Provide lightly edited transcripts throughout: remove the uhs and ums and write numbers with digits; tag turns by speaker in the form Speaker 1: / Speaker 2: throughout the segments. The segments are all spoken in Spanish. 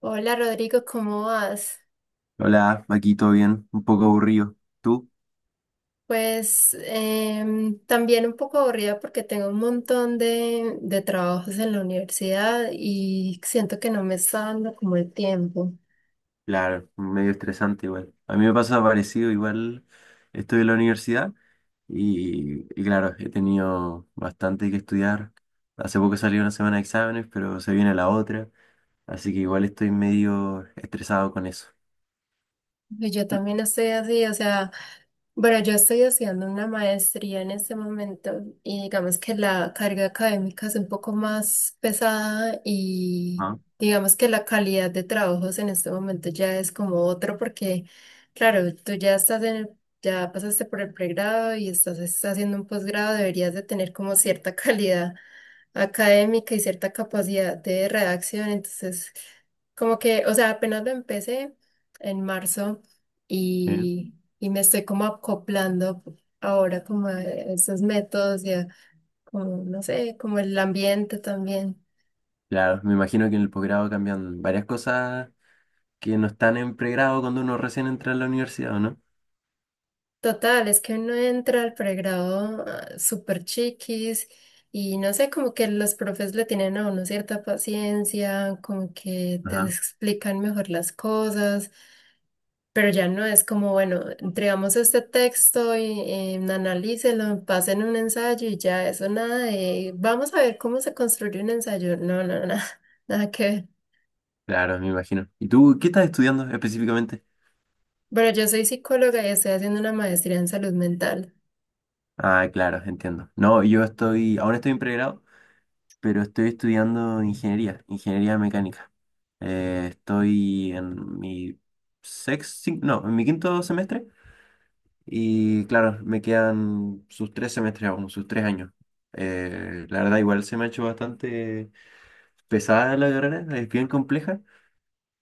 Speaker 1: Hola Rodrigo, ¿cómo vas?
Speaker 2: Hola, aquí todo bien, un poco aburrido. ¿Tú?
Speaker 1: También un poco aburrida porque tengo un montón de trabajos en la universidad y siento que no me está dando como el tiempo.
Speaker 2: Claro, medio estresante igual. A mí me pasa parecido, igual estoy en la universidad y claro, he tenido bastante que estudiar. Hace poco salió una semana de exámenes, pero se viene la otra, así que igual estoy medio estresado con eso.
Speaker 1: Y yo también estoy así, o sea... Bueno, yo estoy haciendo una maestría en este momento y digamos que la carga académica es un poco más pesada y
Speaker 2: Ah,
Speaker 1: digamos que la calidad de trabajos en este momento ya es como otro porque, claro, tú ya estás en el- ya pasaste por el pregrado y estás haciendo un posgrado, deberías de tener como cierta calidad académica y cierta capacidad de redacción, entonces como que, o sea, apenas lo empecé en marzo.
Speaker 2: sí.
Speaker 1: Y y me estoy como acoplando ahora como a esos métodos y a como, no sé, como el ambiente también.
Speaker 2: Claro, me imagino que en el posgrado cambian varias cosas que no están en pregrado cuando uno recién entra a la universidad, ¿o no?
Speaker 1: Total, es que uno entra al pregrado ah, súper chiquis y no sé, como que los profes le tienen a uno cierta paciencia, como que te
Speaker 2: Ajá.
Speaker 1: explican mejor las cosas. Pero ya no es como, bueno, entregamos este texto y analícelo, pasen un ensayo y ya eso, nada de, vamos a ver cómo se construye un ensayo. No, no, nada, nada que ver.
Speaker 2: Claro, me imagino. ¿Y tú qué estás estudiando específicamente?
Speaker 1: Bueno, yo soy psicóloga y estoy haciendo una maestría en salud mental.
Speaker 2: Ah, claro, entiendo. No, yo estoy, ahora estoy en pregrado, pero estoy estudiando ingeniería, ingeniería mecánica. Estoy en mi sexto, no, en mi quinto semestre y claro, me quedan sus tres semestres aún, sus tres años. La verdad, igual se me ha hecho bastante pesada la carrera, es bien compleja,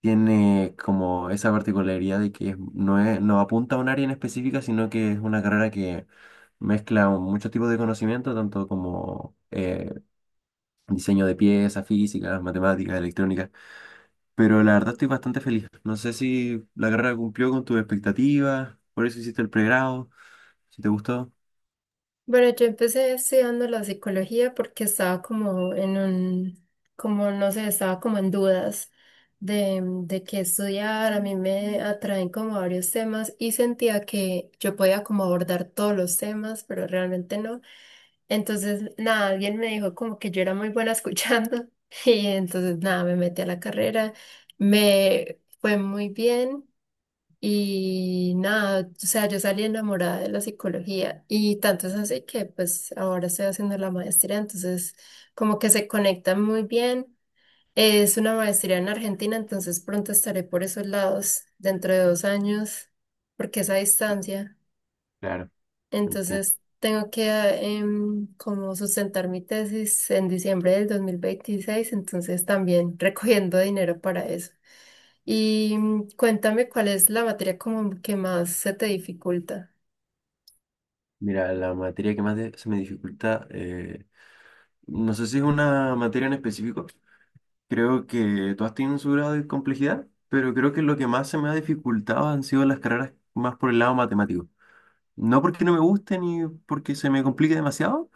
Speaker 2: tiene como esa particularidad de que es, no apunta a un área en específica, sino que es una carrera que mezcla muchos tipos de conocimiento, tanto como diseño de piezas, física, matemáticas, electrónica. Pero la verdad estoy bastante feliz. No sé si la carrera cumplió con tus expectativas, por eso hiciste el pregrado, si te gustó.
Speaker 1: Bueno, yo empecé estudiando la psicología porque estaba como en un, como no sé, estaba como en dudas de qué estudiar. A mí me atraen como varios temas y sentía que yo podía como abordar todos los temas, pero realmente no. Entonces, nada, alguien me dijo como que yo era muy buena escuchando y entonces, nada, me metí a la carrera. Me fue muy bien. Y nada, o sea, yo salí enamorada de la psicología y tanto es así que pues ahora estoy haciendo la maestría, entonces como que se conectan muy bien. Es una maestría en Argentina, entonces pronto estaré por esos lados dentro de 2 años, porque es a distancia.
Speaker 2: Claro, entiendo.
Speaker 1: Entonces tengo que como sustentar mi tesis en diciembre del 2026, entonces también recogiendo dinero para eso. Y cuéntame cuál es la materia como que más se te dificulta.
Speaker 2: Mira, la materia que más de- se me dificulta, no sé si es una materia en específico. Creo que todas tienen su grado de complejidad, pero creo que lo que más se me ha dificultado han sido las carreras más por el lado matemático. No porque no me gusten ni porque se me complique demasiado,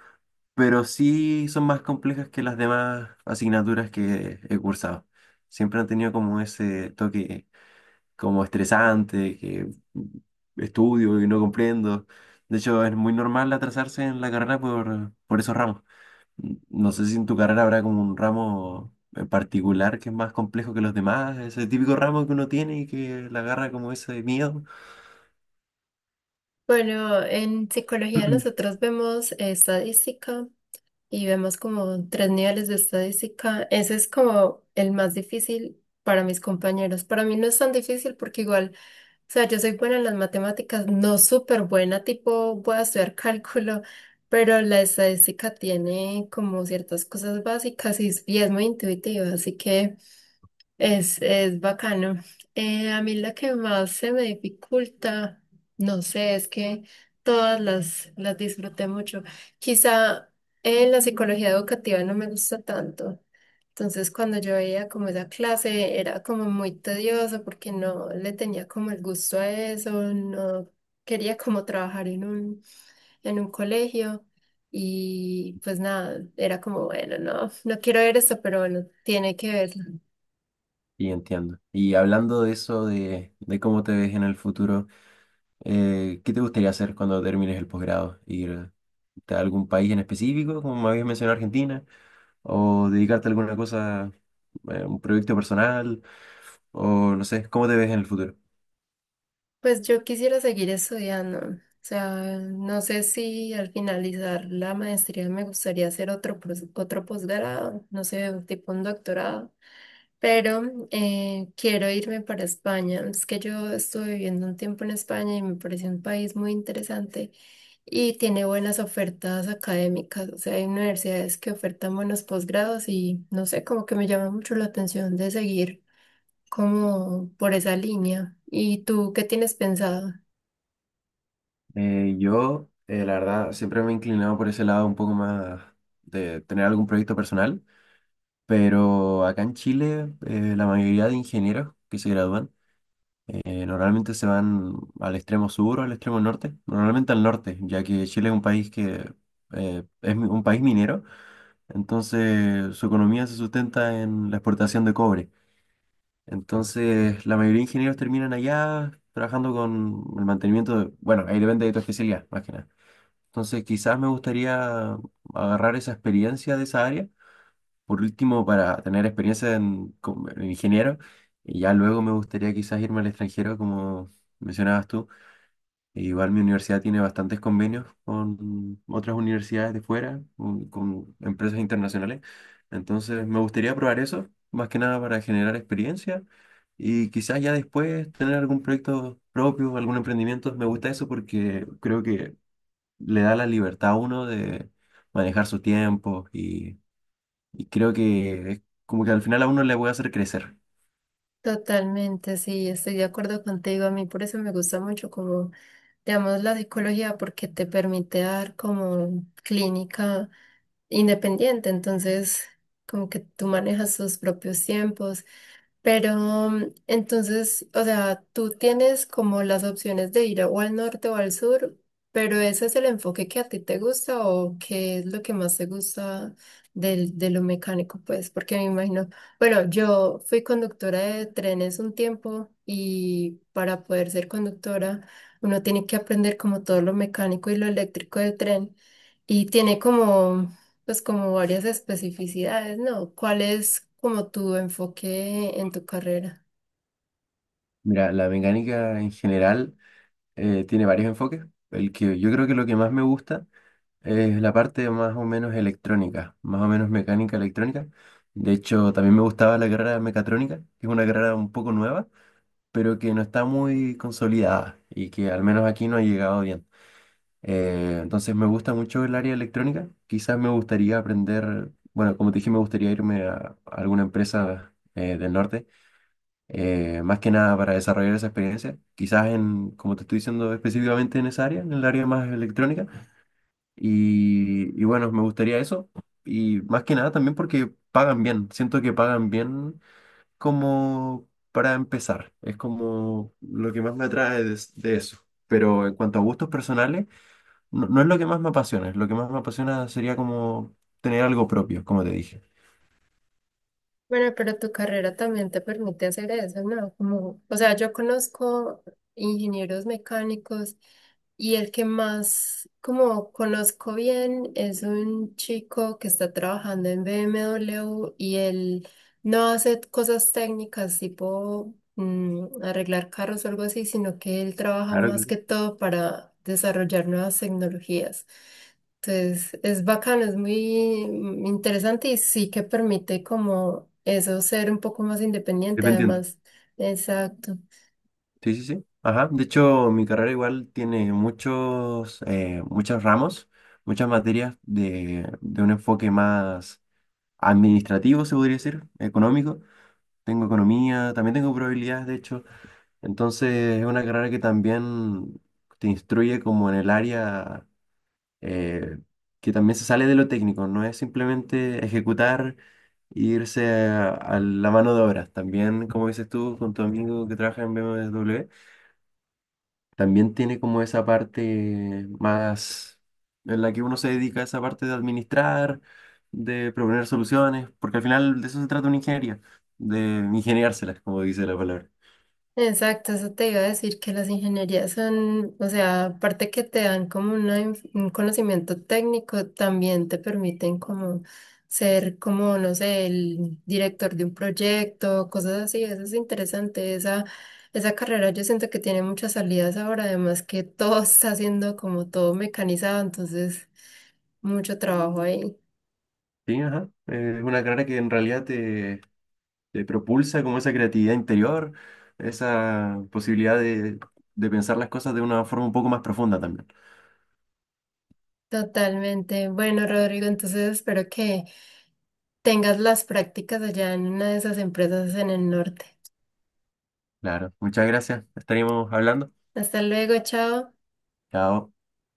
Speaker 2: pero sí son más complejas que las demás asignaturas que he cursado. Siempre han tenido como ese toque como estresante, que estudio y no comprendo. De hecho, es muy normal atrasarse en la carrera por esos ramos. No sé si en tu carrera habrá como un ramo en particular que es más complejo que los demás, ese típico ramo que uno tiene y que le agarra como ese miedo.
Speaker 1: Bueno, en psicología nosotros vemos estadística y vemos como 3 niveles de estadística. Ese es como el más difícil para mis compañeros. Para mí no es tan difícil porque igual, o sea, yo soy buena en las matemáticas, no súper buena, tipo voy a estudiar cálculo, pero la estadística tiene como ciertas cosas básicas y es muy intuitiva, así que... es bacano. A mí la que más se me dificulta, no sé, es que todas las disfruté mucho. Quizá en la psicología educativa no me gusta tanto. Entonces, cuando yo veía como esa clase, era como muy tedioso porque no le tenía como el gusto a eso, no quería como trabajar en un colegio. Y pues nada, era como, bueno, no, no quiero ver esto, pero bueno, tiene que verse.
Speaker 2: Y entiendo. Y hablando de eso, de cómo te ves en el futuro, ¿qué te gustaría hacer cuando termines el posgrado? ¿Ir a algún país en específico, como me habías mencionado Argentina? ¿O dedicarte a alguna cosa, un proyecto personal? ¿O no sé, cómo te ves en el futuro?
Speaker 1: Pues yo quisiera seguir estudiando. O sea, no sé si al finalizar la maestría me gustaría hacer otro posgrado, no sé, tipo un doctorado, pero quiero irme para España. Es que yo estuve viviendo un tiempo en España y me pareció un país muy interesante y tiene buenas ofertas académicas. O sea, hay universidades que ofertan buenos posgrados y no sé, como que me llama mucho la atención de seguir como por esa línea. ¿Y tú qué tienes pensado?
Speaker 2: Yo, la verdad, siempre me he inclinado por ese lado un poco más de tener algún proyecto personal, pero acá en Chile, la mayoría de ingenieros que se gradúan normalmente se van al extremo sur o al extremo norte, normalmente al norte, ya que Chile es un país que es mi- un país minero, entonces su economía se sustenta en la exportación de cobre. Entonces, la mayoría de ingenieros terminan allá trabajando con el mantenimiento de, bueno, ahí depende de tu especialidad, más que nada. Entonces, quizás me gustaría agarrar esa experiencia de esa área, por último, para tener experiencia en, como en ingeniero, y ya luego me gustaría quizás irme al extranjero, como mencionabas tú. E igual mi universidad tiene bastantes convenios con otras universidades de fuera, con empresas internacionales. Entonces, me gustaría probar eso, más que nada para generar experiencia y quizás ya después tener algún proyecto propio, algún emprendimiento. Me gusta eso porque creo que le da la libertad a uno de manejar su tiempo y creo que es como que al final a uno le puede hacer crecer.
Speaker 1: Totalmente, sí, estoy de acuerdo contigo. A mí por eso me gusta mucho como, digamos, la psicología porque te permite dar como clínica independiente. Entonces, como que tú manejas tus propios tiempos pero entonces, o sea, tú tienes como las opciones de ir o al norte o al sur, pero ese es el enfoque que a ti te gusta o qué es lo que más te gusta de lo mecánico, pues, porque me imagino, bueno, yo fui conductora de trenes un tiempo y para poder ser conductora uno tiene que aprender como todo lo mecánico y lo eléctrico del tren y tiene como pues como varias especificidades, ¿no? ¿Cuál es como tu enfoque en tu carrera?
Speaker 2: Mira, la mecánica en general tiene varios enfoques. El que yo creo que lo que más me gusta es la parte más o menos electrónica, más o menos mecánica electrónica. De hecho, también me gustaba la carrera de mecatrónica, que es una carrera un poco nueva, pero que no está muy consolidada y que al menos aquí no ha llegado bien. Entonces me gusta mucho el área electrónica. Quizás me gustaría aprender, bueno, como te dije, me gustaría irme a alguna empresa del norte, más que nada para desarrollar esa experiencia. Quizás en, como te estoy diciendo, específicamente en esa área, en el área más electrónica. Y bueno, me gustaría eso. Y más que nada también porque pagan bien. Siento que pagan bien como para empezar. Es como lo que más me atrae de eso. Pero en cuanto a gustos personales, no, no es lo que más me apasiona, lo que más me apasiona sería como tener algo propio, como te dije.
Speaker 1: Bueno, pero tu carrera también te permite hacer eso, ¿no? Como, o sea, yo conozco ingenieros mecánicos y el que más como conozco bien es un chico que está trabajando en BMW y él no hace cosas técnicas tipo arreglar carros o algo así, sino que él trabaja
Speaker 2: Claro,
Speaker 1: más
Speaker 2: claro.
Speaker 1: que todo para desarrollar nuevas tecnologías. Entonces, es bacano, es muy interesante y sí que permite como eso ser un poco más independiente
Speaker 2: Dependiente.
Speaker 1: además. Exacto.
Speaker 2: Sí, sí, sí. Ajá. De hecho, mi carrera igual tiene muchos, muchos ramos, muchas materias de un enfoque más administrativo, se podría decir, económico. Tengo economía, también tengo probabilidades, de hecho. Entonces, es una carrera que también te instruye como en el área. eh, que también se sale de lo técnico, no es simplemente ejecutar e irse a la mano de obra. También, como dices tú, con tu amigo que trabaja en BMW, también tiene como esa parte más en la que uno se dedica a esa parte de administrar, de proponer soluciones, porque al final de eso se trata una ingeniería, de ingeniárselas, como dice la palabra.
Speaker 1: Exacto, eso te iba a decir que las ingenierías son, o sea, aparte que te dan como un conocimiento técnico, también te permiten como ser como, no sé, el director de un proyecto, cosas así, eso es interesante, esa carrera yo siento que tiene muchas salidas ahora, además que todo está siendo como todo mecanizado, entonces mucho trabajo ahí.
Speaker 2: Sí, ajá. Es una carrera que en realidad te propulsa como esa creatividad interior, esa posibilidad de pensar las cosas de una forma un poco más profunda también.
Speaker 1: Totalmente. Bueno, Rodrigo, entonces espero que tengas las prácticas allá en una de esas empresas en el norte.
Speaker 2: Claro, muchas gracias. Estaremos hablando.
Speaker 1: Hasta luego, chao.
Speaker 2: Chao.